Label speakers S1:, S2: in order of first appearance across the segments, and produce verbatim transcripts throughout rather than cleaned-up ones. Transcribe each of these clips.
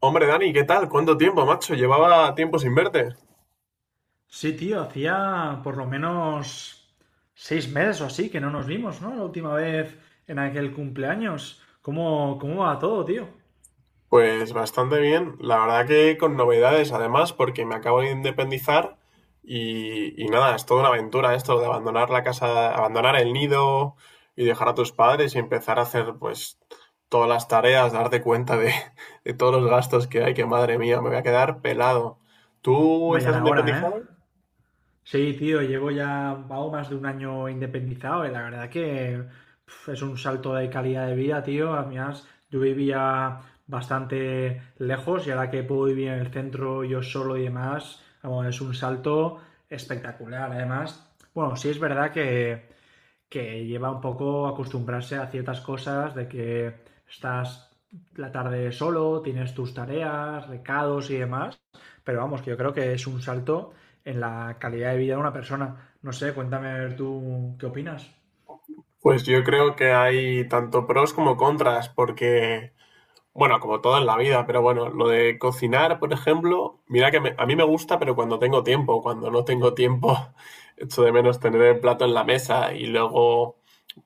S1: Hombre, Dani, ¿qué tal? ¿Cuánto tiempo, macho? Llevaba tiempo sin verte.
S2: Sí, tío, hacía por lo menos seis meses o así que no nos vimos, ¿no? La última vez en aquel cumpleaños. ¿Cómo, cómo va todo, tío?
S1: Pues bastante bien. La verdad que con novedades, además, porque me acabo de independizar y, y nada, es toda una aventura esto de abandonar la casa, abandonar el nido y dejar a tus padres y empezar a hacer pues todas las tareas, darte cuenta de, de todos los gastos que hay, que madre mía, me voy a quedar pelado. ¿Tú
S2: Hombre, ya
S1: estás
S2: era hora, ¿eh?
S1: independizado?
S2: Sí, tío, llevo ya vago más de un año independizado y la verdad que pf, es un salto de calidad de vida, tío. Además, yo vivía bastante lejos y ahora que puedo vivir en el centro yo solo y demás, vamos, es un salto espectacular. Además, bueno, sí es verdad que que lleva un poco a acostumbrarse a ciertas cosas de que estás la tarde solo, tienes tus tareas, recados y demás, pero vamos, que yo creo que es un salto en la calidad de vida de una persona. No sé, cuéntame tú qué opinas.
S1: Pues yo creo que hay tanto pros como contras, porque... Bueno, como todo en la vida, pero bueno, lo de cocinar, por ejemplo, mira que me- a mí me gusta, pero cuando tengo tiempo, cuando no tengo tiempo, echo de menos tener el plato en la mesa y luego,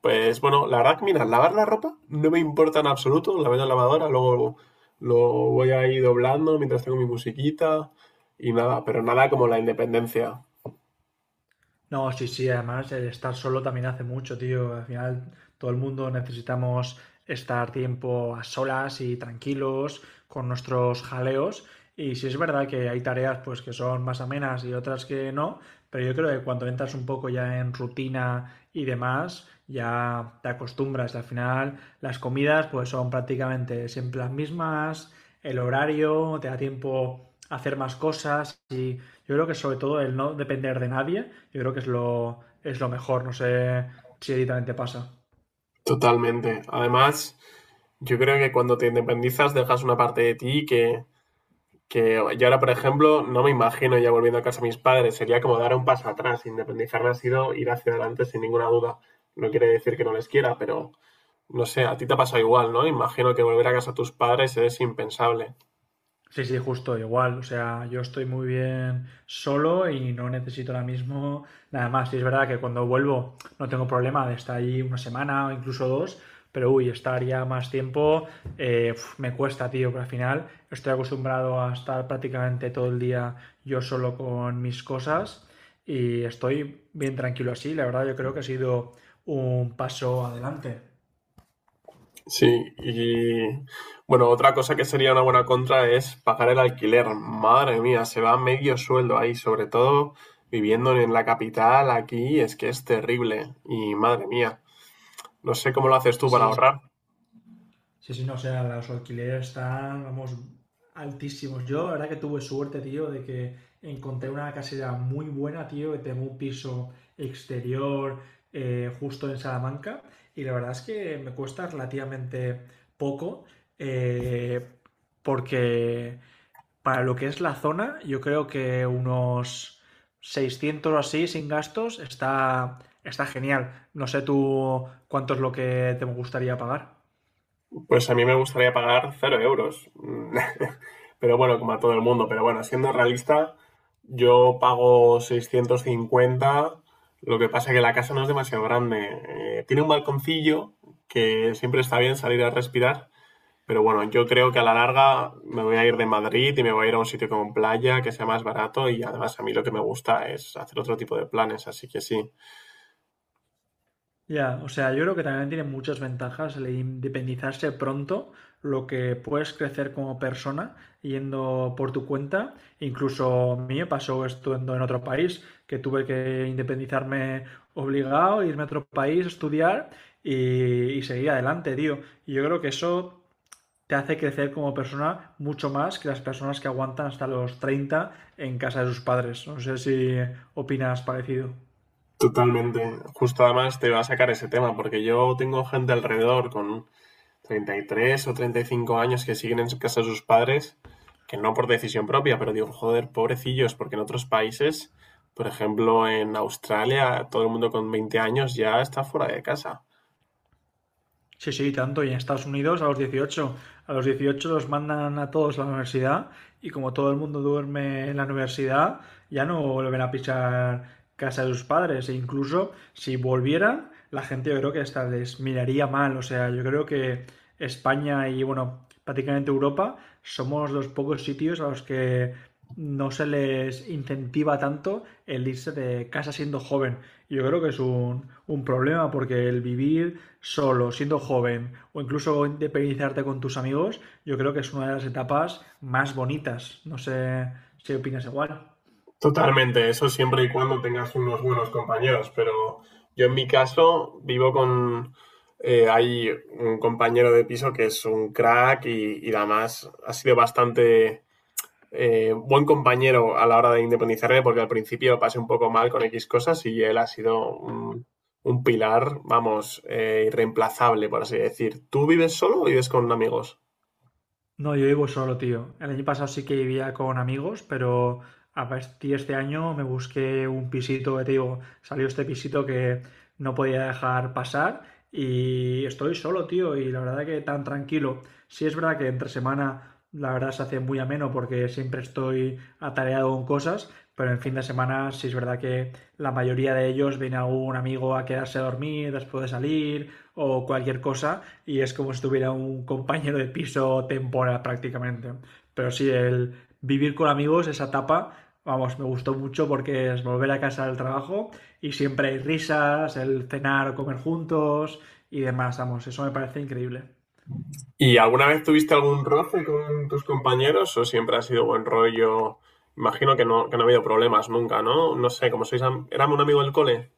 S1: pues bueno, la verdad que mira, lavar la ropa no me importa en absoluto, la meto en la lavadora, luego lo voy a ir doblando mientras tengo mi musiquita y nada, pero nada como la independencia,
S2: No, sí, sí, además el estar solo también hace mucho, tío. Al final todo el mundo necesitamos estar tiempo a solas y tranquilos con nuestros jaleos. Y sí es verdad que hay tareas pues que son más amenas y otras que no, pero yo creo que cuando entras un poco ya en rutina y demás, ya te acostumbras. Al final las comidas pues son prácticamente siempre las mismas, el horario, te da tiempo a hacer más cosas. Y yo creo que sobre todo el no depender de nadie, yo creo que es lo, es lo mejor. No sé si a pasa.
S1: totalmente. Además, yo creo que cuando te independizas dejas una parte de ti que Que yo ahora, por ejemplo, no me imagino ya volviendo a casa de mis padres. Sería como dar un paso atrás. Independizarme ha sido ir hacia adelante sin ninguna duda. No quiere decir que no les quiera, pero no sé, a ti te ha pasado igual, ¿no? Imagino que volver a casa a tus padres es impensable.
S2: Sí, sí, justo igual. O sea, yo estoy muy bien solo y no necesito ahora mismo nada más. Y es verdad que cuando vuelvo no tengo problema de estar ahí una semana o incluso dos, pero uy, estar ya más tiempo eh, uf, me cuesta, tío, porque al final estoy acostumbrado a estar prácticamente todo el día yo solo con mis cosas y estoy bien tranquilo así. La verdad, yo creo que ha sido un paso adelante.
S1: Sí, y bueno, otra cosa que sería una buena contra es pagar el alquiler. Madre mía, se va medio sueldo ahí, sobre todo viviendo en la capital aquí, es que es terrible. Y madre mía, no sé cómo lo haces
S2: Sí,
S1: tú para
S2: sí.
S1: ahorrar.
S2: Sí, sí, no, o sea, los alquileres están, vamos, altísimos. Yo, la verdad que tuve suerte, tío, de que encontré una casera muy buena, tío, que tengo un piso exterior, eh, justo en Salamanca, y la verdad es que me cuesta relativamente poco, eh, porque para lo que es la zona, yo creo que unos seiscientos o así sin gastos está, está genial. No sé tú cuánto es lo que te gustaría pagar.
S1: Pues a mí me gustaría pagar cero euros. Mm, pero bueno, como a todo el mundo. Pero bueno, siendo realista, yo pago seiscientos cincuenta. Lo que pasa es que la casa no es demasiado grande. Eh, tiene un balconcillo que siempre está bien salir a respirar. Pero bueno, yo creo que a la larga me voy a ir de Madrid y me voy a ir a un sitio con playa que sea más barato y además a mí lo que me gusta es hacer otro tipo de planes, así que sí,
S2: Ya, o sea, yo creo que también tiene muchas ventajas el independizarse pronto, lo que puedes crecer como persona yendo por tu cuenta. Incluso a mí me pasó esto en en otro país, que tuve que independizarme obligado, irme a otro país, estudiar y, y seguir adelante, tío. Y yo creo que eso te hace crecer como persona mucho más que las personas que aguantan hasta los treinta en casa de sus padres. No sé si opinas parecido.
S1: totalmente. Justo además te va a sacar ese tema porque yo tengo gente alrededor con treinta y tres o treinta y cinco años que siguen en casa de sus padres, que no por decisión propia, pero digo, joder, pobrecillos, porque en otros países, por ejemplo, en Australia, todo el mundo con veinte años ya está fuera de casa.
S2: Sí, sí, tanto. Y en Estados Unidos a los dieciocho a los dieciocho los mandan a todos a la universidad, y como todo el mundo duerme en la universidad, ya no vuelven a pisar casa de sus padres. E incluso si volvieran, la gente yo creo que hasta les miraría mal. O sea, yo creo que España y, bueno, prácticamente Europa somos los pocos sitios a los que no se les incentiva tanto el irse de casa siendo joven. Y yo creo que es un, un problema, porque el vivir solo, siendo joven, o incluso independizarte con tus amigos, yo creo que es una de las etapas más bonitas. No sé si opinas igual.
S1: Totalmente, eso siempre y cuando tengas unos buenos compañeros, pero yo en mi caso vivo con... eh, hay un compañero de piso que es un crack y, y además ha sido bastante eh, buen compañero a la hora de independizarme, porque al principio pasé un poco mal con X cosas y él ha sido un, un pilar, vamos, eh, irreemplazable, por así decir. ¿Tú vives solo o vives con amigos?
S2: No, yo vivo solo, tío. El año pasado sí que vivía con amigos, pero a partir de este año me busqué un pisito, que te digo, salió este pisito que no podía dejar pasar, y estoy solo, tío, y la verdad que tan tranquilo. Sí es verdad que entre semana la verdad se hace muy ameno porque siempre estoy atareado con cosas, pero en fin de semana sí es verdad que la mayoría de ellos viene algún amigo a quedarse a dormir después de salir o cualquier cosa, y es como si tuviera un compañero de piso temporal prácticamente. Pero sí, el vivir con amigos, esa etapa, vamos, me gustó mucho, porque es volver a casa del trabajo y siempre hay risas, el cenar o comer juntos y demás, vamos, eso me parece increíble.
S1: ¿Y alguna vez tuviste algún roce con tus compañeros o siempre ha sido buen rollo? Imagino que no, que no ha habido problemas nunca, ¿no? No sé, como sois, éramos un amigo del cole.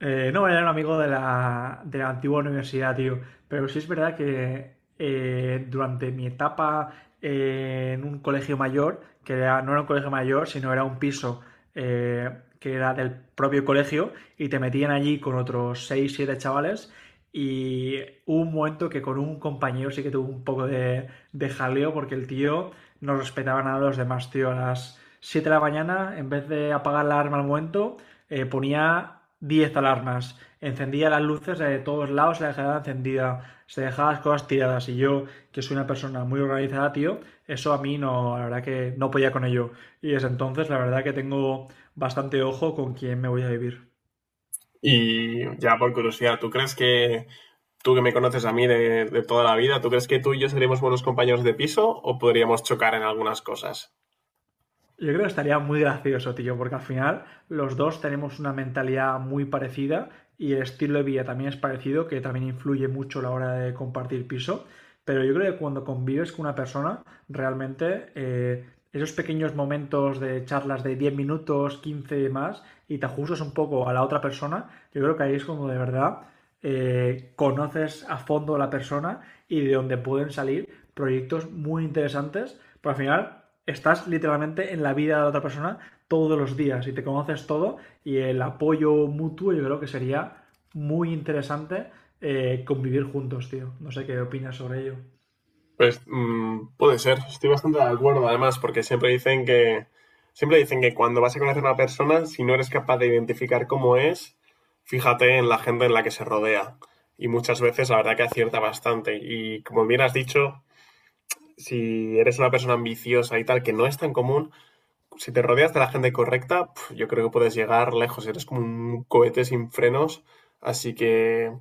S2: Eh, no, era un amigo de la, de la antigua universidad, tío. Pero sí es verdad que, eh, durante mi etapa eh, en un colegio mayor, que era- no era un colegio mayor, sino era un piso eh, que era del propio colegio, y te metían allí con otros seis, siete chavales. Y hubo un momento que con un compañero sí que tuvo un poco de, de jaleo, porque el tío no respetaba nada a los demás, tío. A las siete de la mañana, en vez de apagar la alarma al momento, eh, ponía diez alarmas, encendía las luces de todos lados, se dejaba encendida, se dejaba las cosas tiradas. Y yo, que soy una persona muy organizada, tío, eso a mí no, la verdad que no podía con ello. Y desde entonces, la verdad que tengo bastante ojo con quién me voy a vivir.
S1: Y ya por curiosidad, ¿tú crees que tú que me conoces a mí de, de, toda la vida, ¿tú crees que tú y yo seríamos buenos compañeros de piso o podríamos chocar en algunas cosas?
S2: Yo creo que estaría muy gracioso, tío, porque al final los dos tenemos una mentalidad muy parecida, y el estilo de vida también es parecido, que también influye mucho a la hora de compartir piso. Pero yo creo que cuando convives con una persona, realmente, eh, esos pequeños momentos de charlas de diez minutos, quince y más, y te ajustas un poco a la otra persona, yo creo que ahí es como de verdad eh, conoces a fondo a la persona, y de donde pueden salir proyectos muy interesantes, pero al final estás literalmente en la vida de la otra persona todos los días y te conoces todo, y el apoyo mutuo yo creo que sería muy interesante, eh, convivir juntos, tío. No sé qué opinas sobre ello.
S1: Pues mmm, puede ser, estoy bastante de acuerdo además, porque siempre dicen que siempre dicen que cuando vas a conocer a una persona, si no eres capaz de identificar cómo es, fíjate en la gente en la que se rodea. Y muchas veces la verdad que acierta bastante. Y como bien has dicho, si eres una persona ambiciosa y tal, que no es tan común, si te rodeas de la gente correcta, pf, yo creo que puedes llegar lejos. Eres como un cohete sin frenos. Así que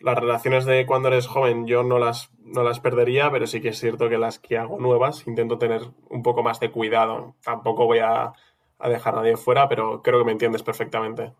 S1: las relaciones de cuando eres joven yo no las, no las perdería, pero sí que es cierto que las que hago nuevas intento tener un poco más de cuidado. Tampoco voy a, a dejar a nadie fuera, pero creo que me entiendes perfectamente.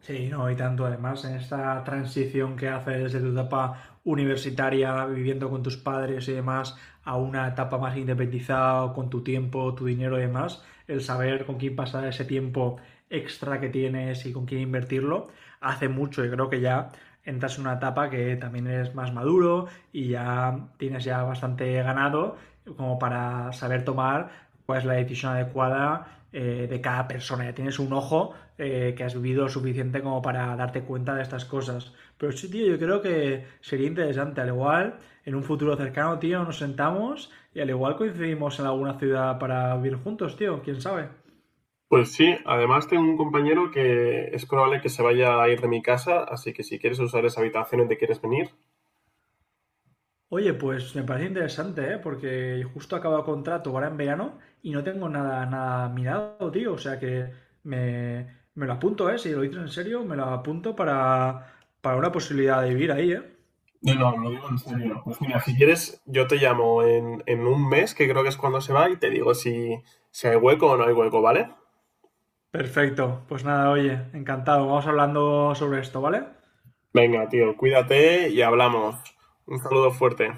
S2: Sí, no, y tanto, además en esta transición que haces de tu etapa universitaria, viviendo con tus padres y demás, a una etapa más independizada, con tu tiempo, tu dinero y demás, el saber con quién pasar ese tiempo extra que tienes y con quién invertirlo, hace mucho, y creo que ya entras en una etapa que también eres más maduro y ya tienes ya bastante ganado como para saber tomar cuál es la decisión adecuada, eh, de cada persona. Ya tienes un ojo, eh, que has vivido suficiente como para darte cuenta de estas cosas. Pero sí, tío, yo creo que sería interesante. Al igual, en un futuro cercano, tío, nos sentamos y al igual coincidimos en alguna ciudad para vivir juntos, tío. ¿Quién sabe?
S1: Pues sí, además tengo un compañero que es probable que se vaya a ir de mi casa, así que si quieres usar esa habitación y te quieres venir,
S2: Oye, pues me parece interesante, ¿eh? Porque justo acabo contrato ahora en verano y no tengo nada, nada mirado, tío. O sea que me, me lo apunto, ¿eh? Si lo dices en serio, me lo apunto para, para una posibilidad de vivir ahí, ¿eh?
S1: no, no, lo digo en serio. Pues mira, si quieres, yo te llamo en, en un mes, que creo que es cuando se va, y te digo si, si hay hueco o no hay hueco, ¿vale?
S2: Perfecto. Pues nada, oye, encantado. Vamos hablando sobre esto, ¿vale?
S1: Venga, tío, cuídate y hablamos. Un saludo fuerte.